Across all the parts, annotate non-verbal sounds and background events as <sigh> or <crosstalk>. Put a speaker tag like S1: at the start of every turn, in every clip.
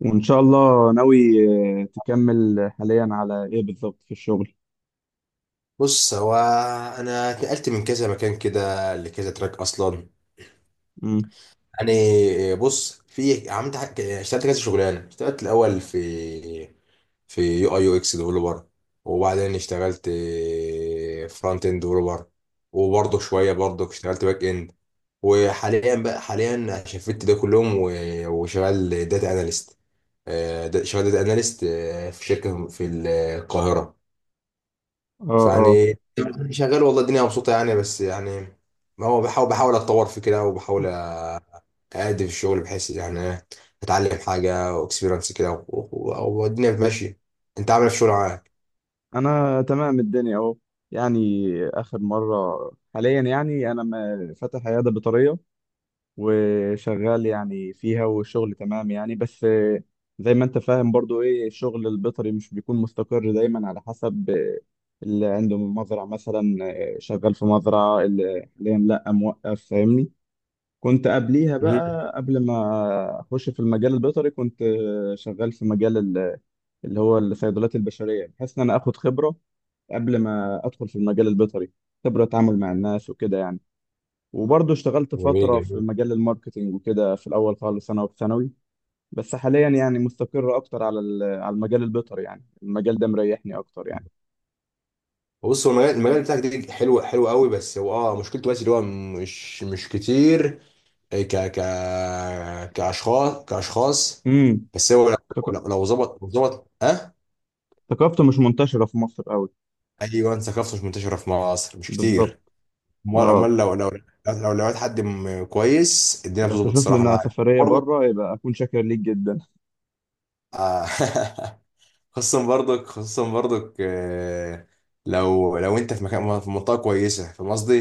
S1: وإن شاء الله ناوي. تكمل حاليا على إيه بالظبط في الشغل؟
S2: بص هو انا اتنقلت من كذا مكان كده لكذا تراك اصلا.
S1: مم.
S2: يعني بص، اشتغلت كذا شغلانه. اشتغلت الاول في يو اي يو اكس ديفلوبر، وبعدين اشتغلت فرونت اند ديفلوبر، وبرضه شويه برضه اشتغلت باك اند. وحاليا بقى، حاليا شفت ده كلهم وشغال داتا اناليست. شغال داتا اناليست في شركه في القاهره.
S1: آه، آه.
S2: فيعني شغال، والله الدنيا مبسوطة يعني، بس يعني ما هو بحاول اتطور في كده، وبحاول أأدي في الشغل بحيث يعني إيه، اتعلم حاجة واكسبيرنس كده والدنيا ماشية. انت عامل إيه في الشغل معاك؟
S1: أنا تمام الدنيا أهو، يعني آخر مرة. حاليا يعني أنا فاتح عيادة بيطرية وشغال يعني فيها، والشغل تمام يعني، بس زي ما أنت فاهم برضو إيه الشغل البيطري مش بيكون مستقر دايما على حسب اللي عنده مزرعة مثلا. شغال في مزرعة اللي حاليا لأ، موقف، فاهمني؟ كنت قبليها
S2: مم.
S1: بقى قبل ما اخش في المجال البيطري كنت شغال في مجال اللي هو الصيدليات البشريه، بحيث ان انا اخد خبره قبل ما ادخل في المجال البيطري. خبره اتعامل مع الناس وكده يعني. وبرضه اشتغلت
S2: جميل
S1: فتره في
S2: جميل.
S1: مجال الماركتينج وكده في الاول خالص انا، وفي ثانوي. بس حاليا يعني مستقر اكتر على على المجال البيطري، يعني المجال ده مريحني اكتر يعني.
S2: بص، هو المجال بتاعك ده حلو، حلو قوي، بس هو مشكلته بس اللي هو مش كتير ك ك كاشخاص كاشخاص.
S1: امم.
S2: بس هو لو،
S1: ثق-
S2: لو ظبط، لو ظبط اه
S1: ثقافته مش منتشره في مصر قوي.
S2: ايوه، ثقافته مش منتشره في مصر، مش
S1: بالظبط.
S2: كتير. امال
S1: اه.
S2: امال لو، لو لقيت حد كويس، الدنيا
S1: لو
S2: بتظبط
S1: تشوف
S2: الصراحه
S1: لنا
S2: معاك
S1: سفريه
S2: برضك.
S1: بره يبقى اكون شاكر ليك جدا.
S2: آه. <laughs> خصوصا برضك، لو انت في مكان، في منطقه كويسه، في قصدي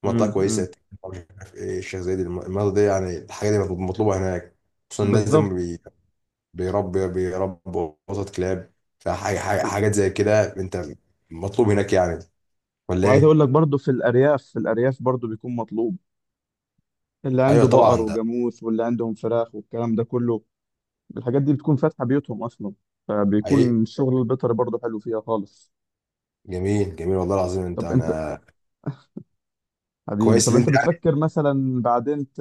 S2: في منطقه
S1: امم، امم.
S2: كويسه. مش عارف ايه، الشيخ زايد، المنطقه دي يعني، الحاجه دي مطلوبه هناك. خصوصا الناس دي
S1: بالظبط.
S2: بي- بيربي بيربوا قطط كلاب،
S1: و-
S2: حاجات زي كده انت، مطلوب هناك يعني، ولا
S1: وعايز
S2: ايه؟
S1: اقول لك برضو في الارياف، برضو بيكون مطلوب. اللي
S2: ايوه
S1: عنده بقر
S2: طبعا ده.
S1: وجاموس، واللي عندهم فراخ والكلام ده كله، الحاجات دي بتكون فاتحه بيوتهم اصلا،
S2: حقيقي.
S1: فبيكون الشغل البيطري برضو حلو فيها خالص.
S2: جميل جميل والله العظيم. انت
S1: طب انت
S2: انا
S1: حبيبي،
S2: كويس
S1: طب
S2: اللي
S1: انت
S2: انت
S1: بتفكر مثلا بعدين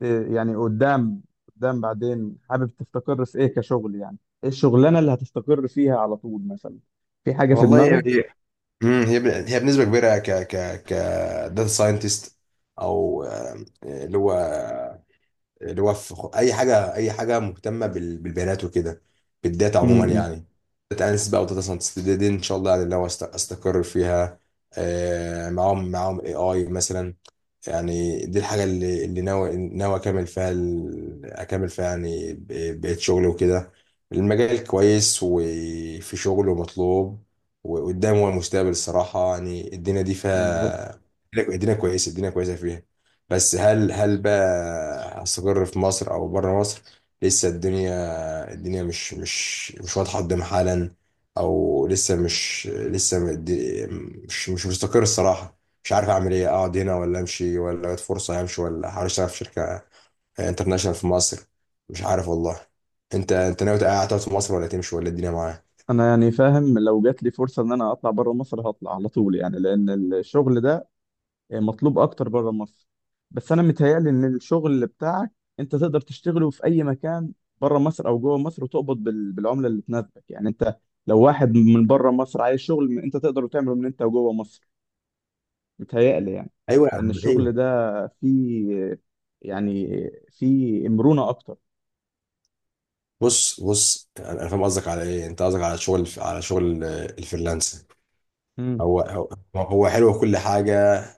S1: ت- يعني قدام، بعدين حابب تستقر في ايه كشغل يعني؟ ايه الشغلانه اللي هتستقر فيها على طول مثلا؟ في حاجه في
S2: والله، هي
S1: دماغك؟
S2: هي هي هي بنسبه كبيره ك ك ك داتا ساينتست، او اللي هو، اللي هو في اي حاجه، اي حاجه مهتمه بالبيانات وكده، بالداتا عموما
S1: امم.
S2: يعني. داتا اناليست بقى وداتا ساينتست دي، دي ان شاء الله يعني لو استقر فيها معاهم اي مثلا. يعني دي الحاجة اللي ناوي أكمل فيها، أكمل فيها يعني بقيت شغلي وكده. المجال كويس وفي شغل ومطلوب، وقدام هو المستقبل الصراحة. يعني الدنيا دي
S1: بالظبط.
S2: فيها، الدنيا كويسة الدنيا كويسة فيها. بس هل، هل بقى هستقر في مصر أو بره مصر، لسه الدنيا، الدنيا مش واضحة قدام حالا، أو لسه مش لسه مد- مش مستقر الصراحة. مش عارف اعمل ايه، اقعد هنا ولا امشي، ولا جت فرصه همشي، ولا احاول اشتغل في شركه انترناشونال في مصر. مش عارف والله. انت ناوي تقعد، تقعد في مصر ولا تمشي ولا الدنيا معاك؟
S1: انا يعني فاهم، لو جات لي فرصه ان انا اطلع بره مصر هطلع على طول يعني، لان الشغل ده مطلوب اكتر بره مصر. بس انا متهيألي ان الشغل اللي بتاعك انت تقدر تشتغله في اي مكان، بره مصر او جوه مصر، وتقبض بالعمله اللي تناسبك يعني. انت لو واحد من بره مصر عايز شغل، انت تقدر تعمله من انت وجوه مصر، متهيألي يعني.
S2: ايوه يا
S1: لان
S2: عم
S1: الشغل
S2: ايوه.
S1: ده فيه، يعني فيه مرونه اكتر.
S2: بص أنا فاهم قصدك على ايه. انت قصدك على شغل، على شغل الفريلانس.
S1: امم،
S2: هو هو حلو كل حاجة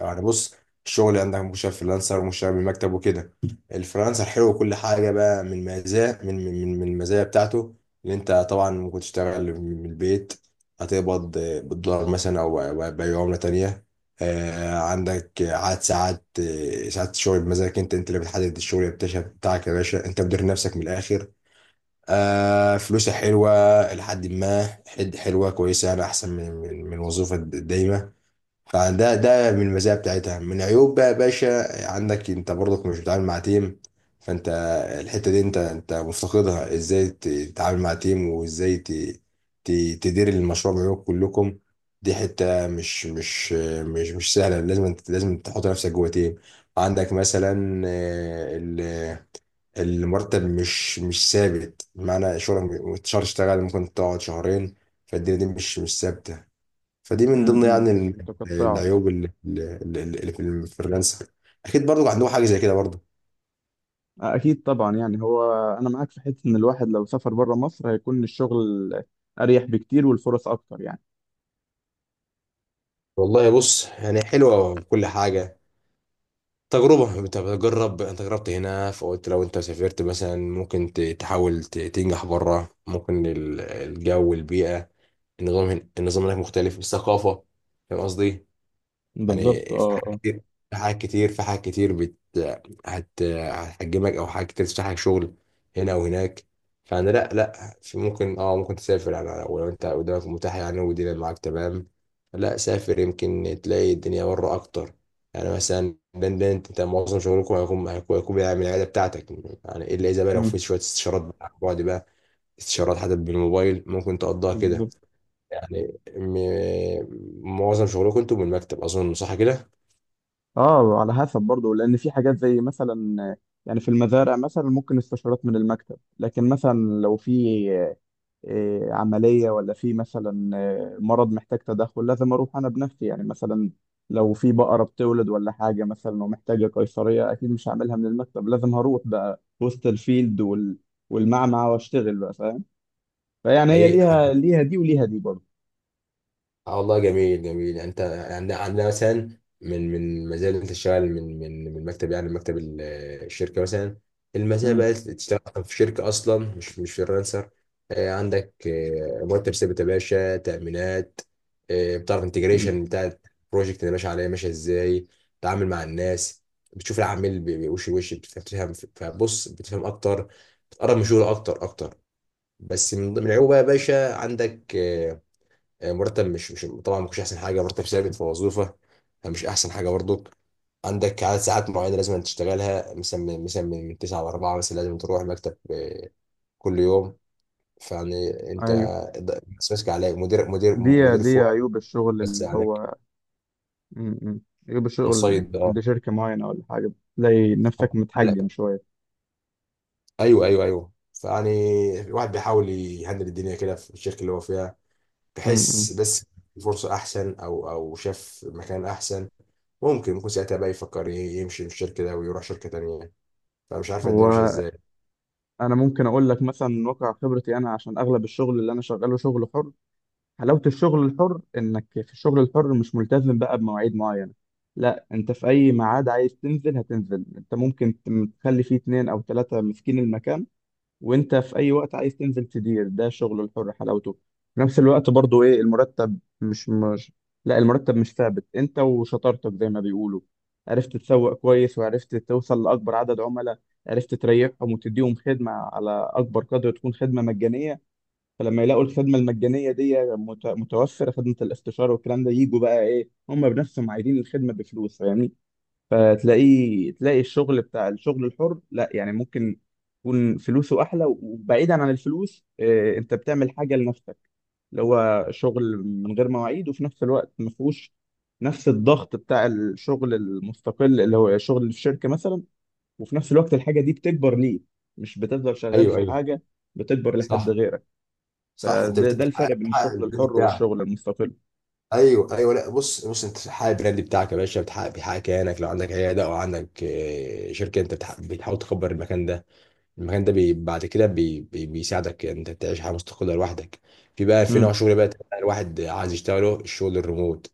S2: يعني. بص، الشغل عندك مشاريع فريلانسر ومشاريع بالمكتب وكده. الفريلانسر حلو كل حاجة بقى. من مزايا، من المزايا بتاعته، اللي انت طبعا ممكن تشتغل من البيت، هتقبض بالدولار مثلا، او أو بأي عملة تانية، عندك عدد ساعات، ساعات الشغل بمزاجك، انت انت اللي بتحدد الشغل بتاعك يا باشا، انت مدير نفسك من الاخر. آه فلوسها حلوة إلى حد ما، حلوة كويسة يعني، أحسن من، من وظيفة دايمة. فده ده من المزايا بتاعتها. من عيوب بقى يا باشا، عندك أنت برضك مش بتتعامل مع تيم. فأنت الحتة دي أنت مفتقدها، إزاي تتعامل مع تيم، وإزاي تدير المشروع بعيوب كلكم. دي حتة مش سهلة. لازم تحط نفسك جوه تيم. عندك مثلا المرتب مش ثابت، بمعنى شغلك شهر تشتغل، ممكن تقعد شهرين. فالدنيا دي مش ثابته. فدي من ضمن
S1: امم.
S2: يعني
S1: متقطعه.
S2: العيوب اللي في الفريلانسر. اكيد برضو عندهم حاجه زي كده برضو.
S1: أكيد طبعا. يعني هو أنا معاك في حتة إن الواحد لو سافر بره مصر هيكون الشغل أريح بكتير، والفرص أكتر يعني.
S2: والله بص، يعني حلوة كل حاجة، تجربة، انت بتجرب. انت جربت هنا، فقلت لو انت سافرت مثلا، ممكن تحاول تنجح بره. ممكن الجو والبيئة، النظام هنا، النظام هناك مختلف، الثقافة، فاهم قصدي. يعني
S1: بالظبط،
S2: في
S1: اه،
S2: حاجات
S1: اه.
S2: كتير، في حاجات كتير بت هت هتحجمك، او حاجات كتير تفتح لك شغل هنا وهناك. فانا لا لا، في ممكن، ممكن تسافر يعني، لو انت قدامك متاح يعني، والدنيا معاك تمام، لا سافر. يمكن تلاقي الدنيا بره اكتر. يعني مثلا لندن، أنت معظم شغلكم هيكون، هيكون بيعمل العياده بتاعتك يعني، الا اذا بقى لو في
S1: امم.
S2: شويه استشارات بقى عن بعد بقى، استشارات حتى بالموبايل ممكن تقضيها كده.
S1: بالظبط.
S2: يعني معظم شغلكم انتوا من المكتب، اظن صح كده؟
S1: آه، على حسب برضه، لأن في حاجات زي مثلا يعني في المزارع مثلا ممكن استشارات من المكتب، لكن مثلا لو في إيه، عملية، ولا في مثلا مرض محتاج تدخل، لازم أروح أنا بنفسي. يعني مثلا لو في بقرة بتولد ولا حاجة مثلا ومحتاجة قيصرية، أكيد مش هعملها من المكتب، لازم هروح بقى وسط الفيلد والمعمعة وأشتغل بقى، فاهم؟ فيعني هي
S2: حقيقي حد
S1: ليها، دي وليها دي برضه.
S2: آه والله، جميل جميل يعني. انت عندنا، عندنا مثلا من، من مزايا اللي انت تشتغل من، من مكتب يعني، مكتب الشركه مثلا. المزايا
S1: امم.
S2: بقى تشتغل في شركه اصلا مش، مش فريلانسر. عندك مرتب ثابت يا باشا، تامينات، بتعرف
S1: أكيد.
S2: انتجريشن بتاع البروجكت اللي ماشي عليه ماشيه ازاي، تتعامل مع الناس، بتشوف العميل وش لوش، بتفهم، فبص بتفهم اكتر، بتقرب من شغله اكتر. بس من ضمن العيوب بقى يا باشا، عندك مرتب مش مش طبعا ما كانش احسن حاجه مرتب ثابت في وظيفه، مش احسن حاجه برضك. عندك عدد ساعات معينه لازم تشتغلها، مثلا من، مثلا من 9 ل 4 مثلا، لازم تروح المكتب كل يوم. فيعني انت
S1: أيوه.
S2: بس ماسك عليك مدير، مدير مدير
S1: دي
S2: فوق،
S1: عيوب الشغل
S2: بس
S1: اللي
S2: عليك.
S1: هو. مم، مم. عيوب الشغل
S2: منصيد
S1: عند
S2: اه
S1: شركة معينة ولا حاجة، تلاقي نفسك
S2: لا
S1: متحجم شوية.
S2: ايوه ايوه. فيعني الواحد بيحاول يهندل الدنيا كده في الشركه اللي هو فيها. بحس
S1: امم.
S2: بس فرصه احسن، او شاف مكان احسن، ممكن ساعتها بقى يفكر يمشي من الشركه ده ويروح شركه تانيه. فمش عارفه الدنيا ماشيه
S1: هو
S2: ازاي.
S1: انا ممكن اقول لك مثلا من واقع خبرتي، انا عشان اغلب الشغل اللي انا شغاله شغل حر. حلاوه الشغل الحر انك في الشغل الحر مش ملتزم بقى بمواعيد معينه. لا، انت في اي ميعاد عايز تنزل هتنزل، انت ممكن تخلي فيه اتنين او تلاته ماسكين المكان، وانت في اي وقت عايز تنزل تدير. ده شغل الحر حلاوته. في نفس الوقت برضو ايه، المرتب مش، لا المرتب مش ثابت، انت وشطارتك زي ما بيقولوا. عرفت تسوق كويس، وعرفت توصل لاكبر عدد عملاء، عرفت تريحهم وتديهم خدمة على اكبر قدر، تكون خدمة مجانية. فلما يلاقوا الخدمة المجانية دي متوفرة، خدمة الاستشارة والكلام ده، يجوا بقى ايه هم بنفسهم عايزين الخدمة بفلوس، فاهمني؟ تلاقي الشغل بتاع الشغل الحر، لا يعني ممكن يكون فلوسه احلى، وبعيدا عن الفلوس انت بتعمل حاجه لنفسك، اللي هو شغل من غير مواعيد، وفي نفس الوقت ما فيهوش نفس الضغط بتاع الشغل المستقل اللي هو شغل الشركه مثلا. وفي نفس الوقت الحاجه دي بتكبر ليه، مش بتفضل شغال
S2: ايوه
S1: في
S2: ايوه.
S1: حاجه، بتكبر لحد
S2: صح.
S1: غيرك.
S2: صح، انت
S1: ده الفرق
S2: بتحقق،
S1: بين
S2: بتحقق
S1: الشغل
S2: البراند
S1: الحر
S2: بتاعك.
S1: والشغل المستقل.
S2: ايوه ايوه. لا بص، بص انت بتحقق البراند بتاعك يا باشا، بتحقق، بيحقق كيانك. لو عندك عياده او عندك شركه، انت بتحاول تكبر المكان ده. المكان ده بي بعد كده بي بي بيساعدك انت تعيش حياه مستقله لوحدك. في بقى في نوع
S1: امم،
S2: شغل بقى الواحد عايز يشتغله، الشغل الريموت،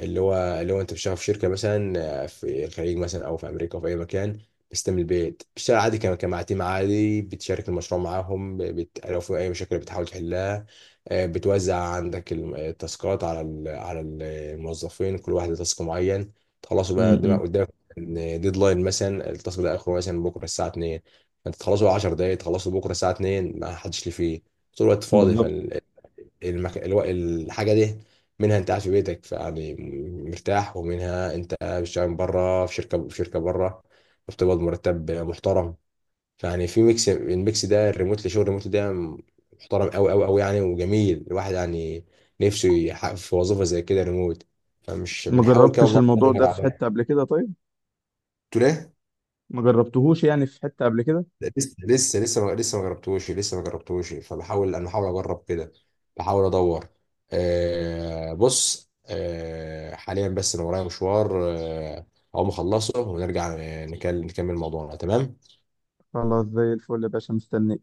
S2: اللي هو اللي هو انت بتشتغل في شركه مثلا في الخليج مثلا، او في امريكا، او في اي مكان، بس انت من البيت بتشتغل عادي، كمع تيم عادي، بتشارك المشروع معاهم، لو في اي مشاكل بتحاول تحلها، بتوزع عندك التاسكات على ال... على ال- الموظفين، كل واحد له تاسك معين، تخلصوا بقى قدامك.
S1: امم.
S2: ديدلاين مثلا، التاسك ده اخره مثلا بكره الساعه 2، فانت تخلصه 10 دقايق، تخلصه بكره الساعه 2، ما حدش ليه فيه، طول الوقت فاضي.
S1: بالظبط.
S2: الحاجه دي، منها انت قاعد في بيتك يعني مرتاح، ومنها انت بتشتغل بره في شركه، في شركه بره، فبتقبض مرتب محترم. فيعني في ميكس، الميكس ده الريموت، اللي شغل الريموت ده محترم قوي يعني. وجميل الواحد يعني نفسه يحقق في وظيفه زي كده ريموت. فمش
S1: ما
S2: بنحاول كده
S1: جربتش
S2: والله
S1: الموضوع
S2: ندور
S1: ده في
S2: على-
S1: حته قبل كده؟ طيب،
S2: قلت له إيه؟
S1: ما جربتهوش يعني في حتة قبل كده.
S2: لسه لسه لسه ما لسه ما جربتوش، لسه ما جربتوش. فبحاول، انا بحاول اجرب كده، بحاول ادور. آه بص، آه حاليا بس انا ورايا مشوار آه، اقوم اخلصه ونرجع نكمل موضوعنا. تمام.
S1: خلاص زي الفل يا باشا، مستنيك.